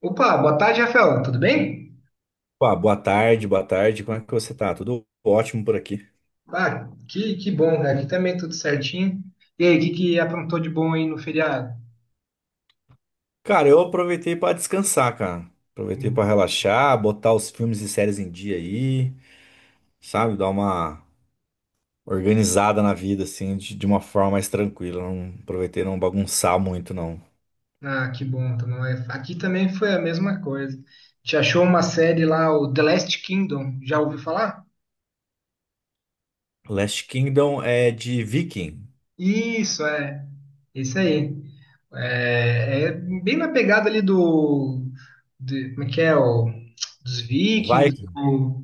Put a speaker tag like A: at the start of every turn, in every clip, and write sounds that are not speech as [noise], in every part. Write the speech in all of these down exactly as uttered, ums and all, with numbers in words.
A: Opa, boa tarde, Rafael. Tudo bem?
B: Opa, boa tarde, boa tarde. Como é que você tá? Tudo ótimo por aqui.
A: Ah, que, que bom, cara. Aqui também tudo certinho. E aí, o que, que aprontou de bom aí no feriado?
B: Cara, eu aproveitei pra descansar, cara. Aproveitei pra relaxar, botar os filmes e séries em dia aí, sabe? Dar uma organizada na vida, assim, de, de uma forma mais tranquila. Não aproveitei não bagunçar muito, não.
A: Ah, que bom. Então, não é- aqui também foi a mesma coisa. Te achou uma série lá, o The Last Kingdom. Já ouviu falar?
B: Last Kingdom é de Viking.
A: Isso, é. Isso aí. É, é bem na pegada ali do, de- como é que é, o, dos
B: O
A: Vikings,
B: Viking.
A: do,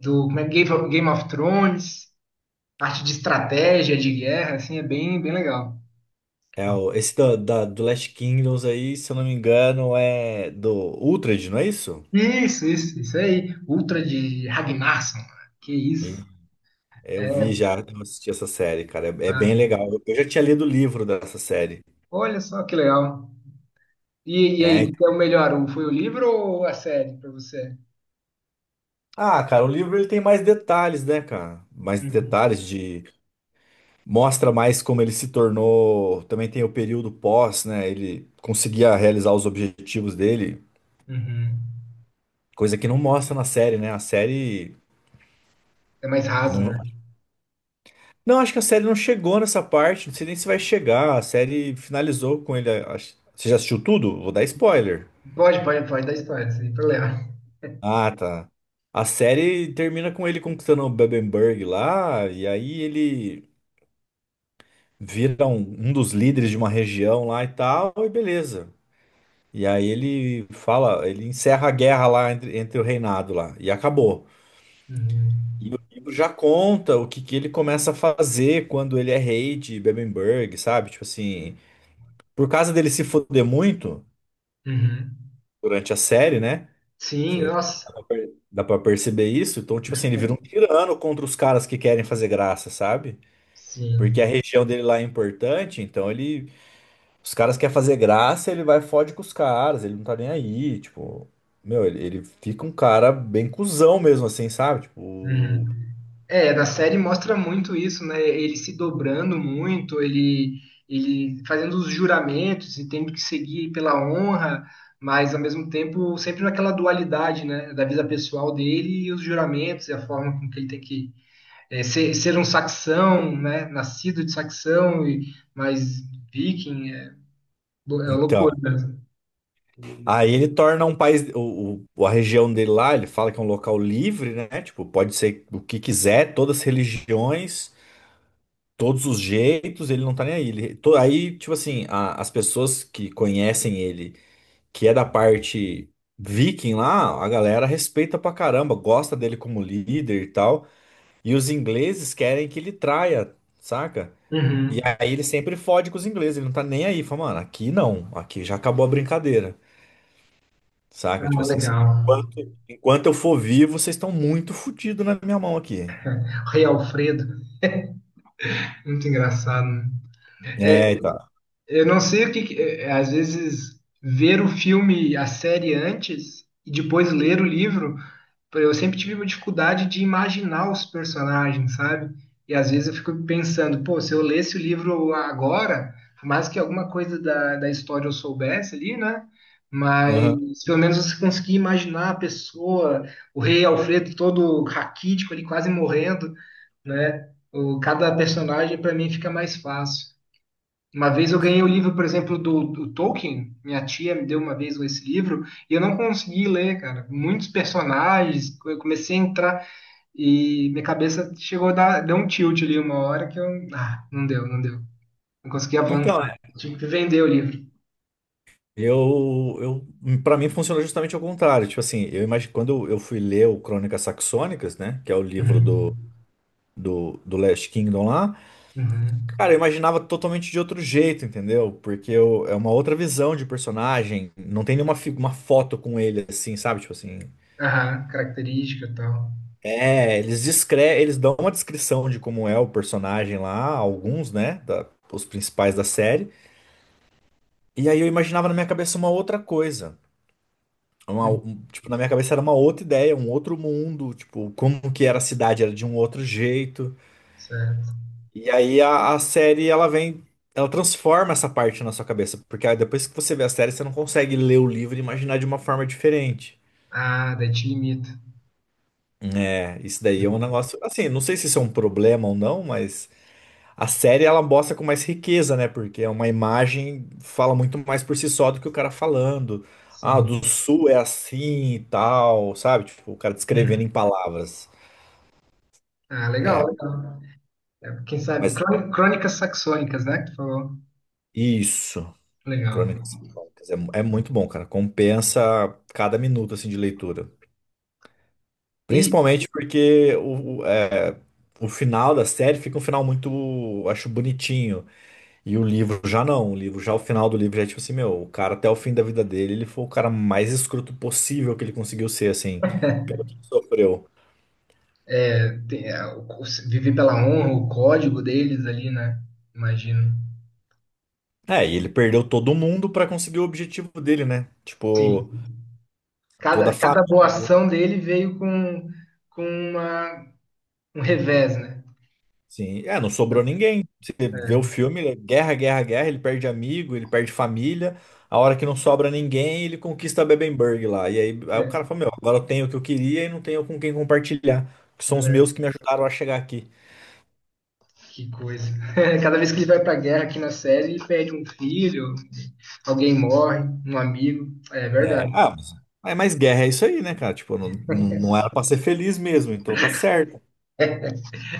A: do como é, Game of Game of Thrones, parte de estratégia, de guerra, assim, é bem, bem legal.
B: É o, esse da, da- do Last Kingdoms aí, se eu não me engano, é do Uhtred, não é isso?
A: Isso, isso, isso aí. Ultra de Ragnarsson. Que isso.
B: É, eu vi já, eu assisti essa série, cara. É, é bem
A: Ah,
B: legal. Eu, eu já tinha lido o livro dessa série.
A: olha só que legal. E, e
B: É,
A: aí, o
B: então-
A: que é o melhor? O- Foi o livro ou a série pra você?
B: ah, cara, o livro ele tem mais detalhes, né, cara? Mais
A: Uhum,
B: detalhes de. Mostra mais como ele se tornou. Também tem o período pós, né? Ele conseguia realizar os objetivos dele,
A: uhum.
B: coisa que não mostra na série, né? A série.
A: É mais raso,
B: Não,
A: né?
B: não acho que a série não chegou nessa parte. Não sei nem se vai chegar. A série finalizou com ele. acho- Você já assistiu tudo? Vou dar spoiler.
A: Pode, pode, pode dar spoiler, sem problema.
B: Ah, tá. A série termina com ele conquistando o Bebemberg lá, e aí ele vira um, um dos líderes de uma região lá e tal, e beleza. E aí ele fala, ele encerra a guerra lá entre, entre o reinado lá, e acabou.
A: Uhum.
B: E o livro já conta o que, que ele começa a fazer quando ele é rei de Bebemberg, sabe? Tipo assim, por causa dele se foder muito
A: Uhum.
B: durante a série, né?
A: Sim,
B: Você- dá
A: nossa.
B: pra per- dá pra perceber isso? Então, tipo assim, ele vira um tirano contra os caras que querem fazer graça, sabe? Porque a
A: Sim.
B: região dele lá é importante, então ele. Os caras querem fazer graça, ele vai e fode com os caras, ele não tá nem aí, tipo. Meu, ele, ele fica um cara bem cuzão mesmo, assim, sabe? Tipo.
A: Uhum. É, na série mostra muito isso, né? Ele se dobrando muito, ele, ele fazendo os juramentos e tendo que seguir pela honra, mas ao mesmo tempo sempre naquela dualidade, né? Da vida pessoal dele e os juramentos e a forma com que ele tem que é, ser, ser um saxão, né? Nascido de saxão, e, mas viking, é, lou- é loucura.
B: Então. Aí ele torna um país. O, o- a região dele lá, ele fala que é um local livre, né? Tipo, pode ser o que quiser, todas as religiões, todos os jeitos, ele não tá nem aí. Ele, to- aí, tipo assim, a- as pessoas que conhecem ele, que é da parte viking lá, a galera respeita pra caramba, gosta dele como líder e tal. E os ingleses querem que ele traia, saca? E
A: Uhum.
B: aí ele sempre fode com os ingleses, ele não tá nem aí. Fala, mano, aqui não, aqui já acabou a brincadeira, saca? Tipo
A: Ah,
B: assim, se-
A: legal.
B: enquanto, enquanto eu for vivo, vocês estão muito fodidos na minha mão aqui.
A: Rei Alfredo, muito engraçado, né?
B: É, e tá.
A: Eu não sei o que, que- eh, às vezes ver o filme, a série antes e depois ler o livro, eu sempre tive uma dificuldade de imaginar os personagens, sabe? E às vezes eu fico pensando, pô, se eu lesse o livro agora, por mais que alguma coisa da, da história eu soubesse ali, né? Mas
B: Aham.
A: pelo menos você conseguia imaginar a pessoa, o rei Alfredo todo raquítico ali, quase morrendo, né? O, cada personagem para mim fica mais fácil. Uma vez eu ganhei o livro, por exemplo, do, do Tolkien. Minha tia me deu uma vez esse livro e eu não consegui ler, cara. Muitos personagens, eu comecei a entrar e minha cabeça chegou a dar, deu um tilt ali uma hora que eu. Ah, não deu, não deu. Não consegui
B: Então,
A: avançar. Eu tive que vender o livro.
B: Eu, eu, para mim funciona justamente ao contrário. Tipo assim, eu imagino quando eu fui ler o Crônicas Saxônicas, né, que é o livro do,
A: Uhum.
B: do, do Last Kingdom lá,
A: Uhum.
B: cara, eu imaginava totalmente de outro jeito, entendeu? Porque eu- é uma outra visão de personagem, não tem nenhuma fi- uma foto com ele assim, sabe? Tipo assim,
A: Aham, característica e tal.
B: é, eles descre eles dão uma descrição de como é o personagem lá, alguns, né, da- os principais da série. E aí eu imaginava na minha cabeça uma outra coisa. É uma-
A: Uhum.
B: um- tipo, na minha cabeça era uma outra ideia, um outro mundo, tipo, como que era a cidade, era de um outro jeito.
A: Certo.
B: E aí a, a série, ela vem, ela transforma essa parte na sua cabeça, porque aí depois que você vê a série, você não consegue ler o livro e imaginar de uma forma diferente.
A: Ah, daí te limita.
B: É, isso daí é um
A: Uhum.
B: negócio, assim, não sei se isso é um problema ou não, mas a série ela mostra com mais riqueza, né? Porque é uma imagem fala muito mais por si só do que o cara falando. Ah,
A: Sim.
B: do sul é assim e tal, sabe? Tipo, o cara descrevendo
A: Uhum.
B: em palavras.
A: Ah, legal, legal. É, quem sabe?
B: Mas
A: Crôni- Crônicas saxônicas, né? Que tu falou.
B: isso,
A: Legal.
B: Crônicas Salomônicas, é, é muito bom, cara. Compensa cada minuto assim de leitura.
A: E
B: Principalmente porque o, o, é, o final da série fica um final muito, acho, bonitinho. E o livro já não. O livro já o final do livro já é tipo assim, meu, o cara até o fim da vida dele, ele foi o cara mais escroto possível que ele conseguiu ser, assim, pelo que ele sofreu.
A: é, tem, é, o- o- viver pela honra, o código deles ali, né? Imagino.
B: É, e ele perdeu todo mundo pra conseguir o objetivo dele, né? Tipo,
A: Sim,
B: toda a
A: cada, cada boa
B: família.
A: ação dele veio com, com uma, um revés, né?
B: Sim, é, não sobrou ninguém. Você vê o
A: É,
B: filme, é guerra, guerra, guerra, ele perde amigo, ele perde família. A hora que não sobra ninguém, ele conquista a Bebemberg lá. E aí, aí o
A: é,
B: cara fala, meu, agora eu tenho o que eu queria e não tenho com quem compartilhar. Que são os
A: é.
B: meus que me ajudaram a chegar aqui.
A: Que coisa. [laughs] Cada vez que ele vai pra guerra aqui na série, ele perde um filho, alguém morre, um amigo. É
B: Né?
A: verdade.
B: Ah, mas, é, mas guerra é isso aí, né, cara? Tipo, não, não, não era pra ser feliz mesmo, então tá certo.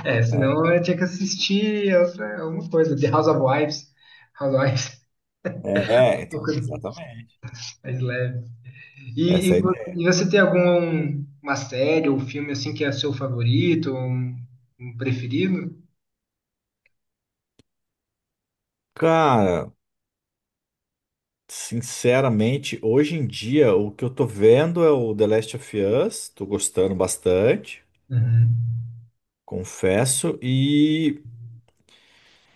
A: É, senão eu tinha que assistir outra- alguma coisa. The House of Wives. House of Wives.
B: É, é, então,
A: [laughs]
B: exatamente.
A: Mais leve. E,
B: Essa
A: e
B: é a
A: vo-
B: ideia.
A: e você tem alguma série ou filme assim que é seu favorito, um, um preferido?
B: Cara, sinceramente, hoje em dia, o que eu tô vendo é o The Last of Us, tô gostando bastante,
A: Uhum.
B: confesso, e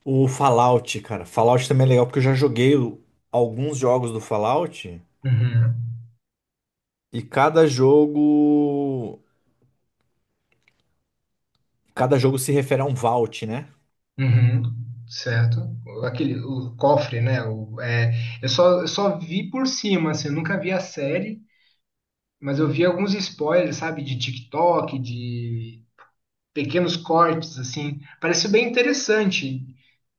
B: o Fallout, cara. Fallout também é legal porque eu já joguei o- alguns jogos do Fallout
A: Uhum.
B: e cada jogo, cada jogo se refere a um vault, né?
A: Uhum. Certo. O- Aquele, o cofre, né? O, é, eu só, eu só vi por cima, assim, eu nunca vi a série, mas eu vi alguns spoilers, sabe, de TikTok, de pequenos cortes, assim. Pareceu bem interessante.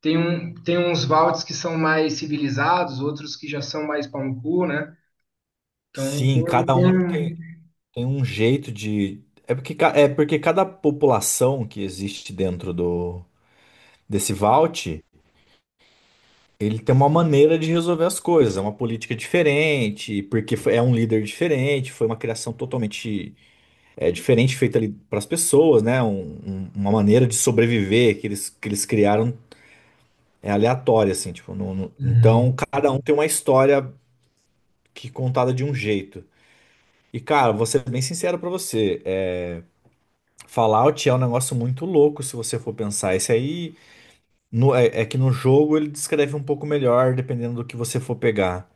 A: Tem, um, tem uns Valdes que são mais civilizados, outros que já são mais pau no cu, né? Então,
B: Sim,
A: tem,
B: cada
A: tem...
B: um tem,
A: um-
B: tem um jeito de. É porque, ca- é porque cada população que existe dentro do, desse vault. Ele tem uma maneira de resolver as coisas, é uma política diferente, porque foi- é um líder diferente, foi uma criação totalmente é, diferente feita ali para as pessoas, né? Um- um- uma maneira de sobreviver que eles, que eles criaram é aleatória, assim, tipo, não- não-
A: Uhum,
B: então cada um tem uma história que é contada de um jeito. E cara, vou ser bem sincero para você, é, Fallout é um negócio muito louco se você for pensar. Esse aí no- é é que no jogo ele descreve um pouco melhor, dependendo do que você for pegar.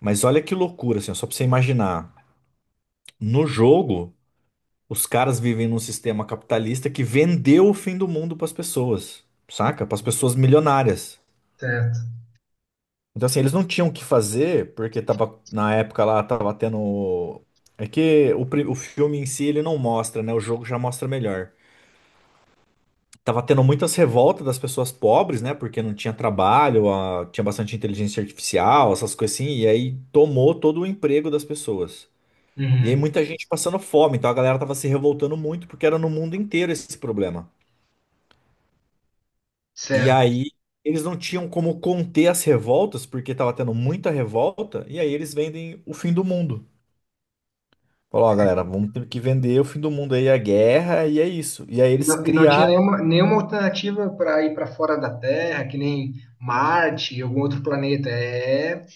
B: Mas olha que loucura, assim, ó, só pra você imaginar. No jogo, os caras vivem num sistema capitalista que vendeu o fim do mundo pras pessoas, saca? Pras pessoas milionárias.
A: certo.
B: Então, assim, eles não tinham o que fazer, porque tava, na época lá, tava tendo. É que o, pri- o filme em si ele não mostra, né? O jogo já mostra melhor. Tava tendo muitas revoltas das pessoas pobres, né? Porque não tinha trabalho, a- tinha bastante inteligência artificial, essas coisas assim, e aí tomou todo o emprego das pessoas. E aí
A: Uhum,
B: muita gente passando fome, então a galera tava se revoltando muito porque era no mundo inteiro esse problema. E
A: certo.
B: aí eles não tinham como conter as revoltas porque tava tendo muita revolta, e aí eles vendem o fim do mundo. Falou, ó, galera, vamos ter que vender o fim do mundo aí, a guerra, e é isso. E aí
A: E
B: eles
A: não, e não tinha
B: criaram.
A: nenhuma, nenhuma alternativa para ir para fora da Terra, que nem Marte, algum outro planeta. É,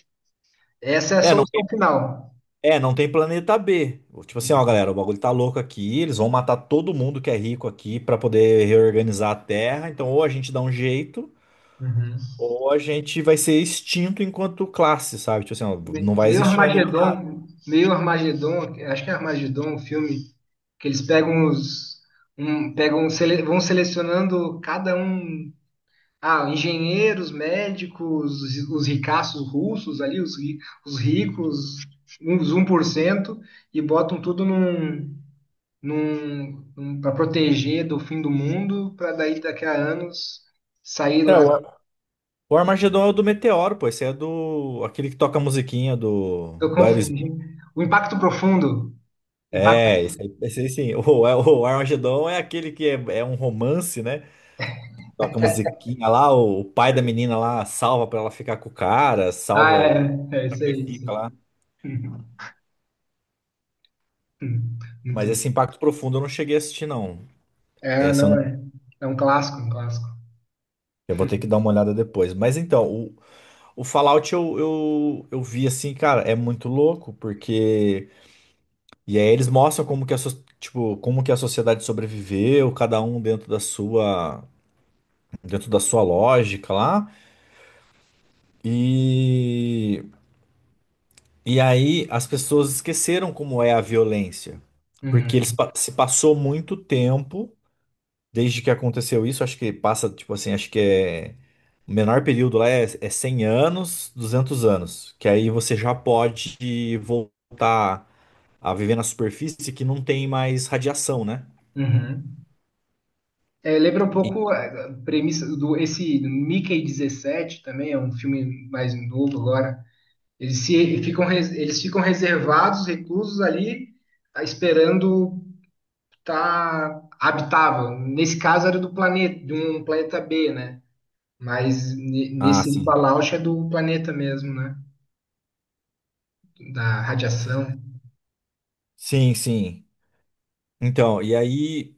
A: essa é a
B: É, não,
A: solução final.
B: é, não tem planeta B. Tipo assim, ó, galera, o bagulho tá louco aqui, eles vão matar todo mundo que é rico aqui pra poder reorganizar a Terra, então ou a gente dá um jeito.
A: Uhum.
B: Ou a gente vai ser extinto enquanto classe, sabe? Tipo assim, ó, não vai
A: Meio
B: existir mais milionário.
A: Armagedon, meio Armagedon, acho que é Armagedon, o filme que eles pegam os, um, pegam, sele- vão selecionando cada um. Ah, engenheiros, médicos, os os ricaços russos ali, os, ri- os ricos, uns um por cento e botam tudo num, num, num, para proteger do fim do mundo, para daí daqui a anos sair
B: É,
A: lá.
B: o Ar- o Armagedon é o do Meteoro, pô. Esse é do. Aquele que toca a musiquinha do,
A: Eu
B: do
A: confundi.
B: Aerosmith.
A: O impacto profundo. Impacto.
B: É, esse aí, esse aí sim. [laughs] O, é, o Armagedon é aquele que é, é um romance, né? Toca a musiquinha lá, o, o pai da menina lá salva pra ela ficar com o cara,
A: Ah,
B: salva
A: é,
B: o.
A: é é isso aí,
B: Sacrifica
A: sim.
B: lá.
A: [laughs] Muito
B: Mas
A: bom.
B: esse Impacto Profundo eu não cheguei a assistir, não.
A: É,
B: Esse eu
A: não
B: não.
A: é. É um clássico, um clássico.
B: Eu vou ter que dar uma olhada depois. Mas então, o Fallout eu, eu, eu vi assim, cara, é muito louco, porque. E aí eles mostram como que a, so- tipo, como que a sociedade sobreviveu, cada um dentro da sua, dentro da sua lógica lá. E, e aí as pessoas esqueceram como é a violência.
A: Uhum,
B: Porque eles pa- se passou muito tempo desde que aconteceu isso, acho que passa, tipo assim, acho que é. O menor período lá é, é cem anos, duzentos anos, que aí você já pode voltar a viver na superfície que não tem mais radiação, né?
A: uhum. É, lembra um
B: E-
A: pouco a premissa do esse do Mickey dezessete também, é um filme mais novo agora. Eles, se, ficam, res- eles ficam reservados, reclusos ali, ah, esperando estar habitável. Nesse caso era do planeta, de um planeta B, né? Mas ne-
B: Ah,
A: nesse do
B: sim.
A: Palauche é do planeta mesmo, né? Da radiação,
B: Sim, sim. Então, e aí,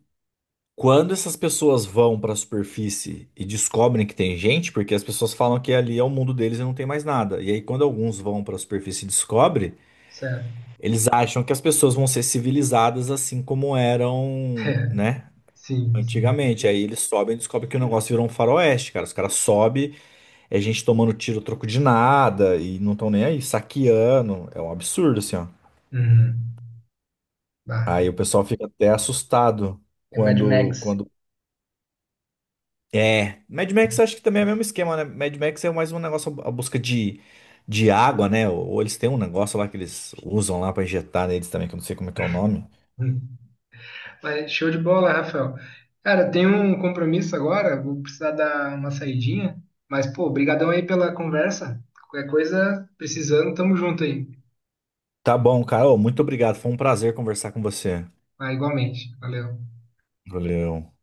B: quando essas pessoas vão para a superfície e descobrem que tem gente, porque as pessoas falam que ali é o mundo deles e não tem mais nada. E aí, quando alguns vão para a superfície e descobrem,
A: certo? [laughs]
B: eles acham que as pessoas vão ser civilizadas assim como eram,
A: É,
B: né?
A: sim, sim.
B: Antigamente. Aí eles sobem e descobrem que o negócio virou um faroeste, cara. Os caras sobem. É gente tomando tiro a troco de nada e não estão nem aí, saqueando. É um absurdo, assim, ó.
A: Uhum. Bah,
B: Aí o pessoal fica até assustado
A: é Mad
B: quando,
A: Max.
B: quando... É, Mad Max acho que também é o mesmo esquema, né? Mad Max é mais um negócio a busca de, de água, né? Ou, ou eles têm um negócio lá que eles usam lá pra injetar neles também, que eu não sei como é que é o nome.
A: Hum. Mas show de bola, Rafael. Cara, tenho um compromisso agora, vou precisar dar uma saidinha. Mas, pô, brigadão aí pela conversa. Qualquer coisa, precisando, tamo junto aí.
B: Tá bom, cara. Ô, muito obrigado. Foi um prazer conversar com você.
A: Ah, igualmente. Valeu.
B: Valeu.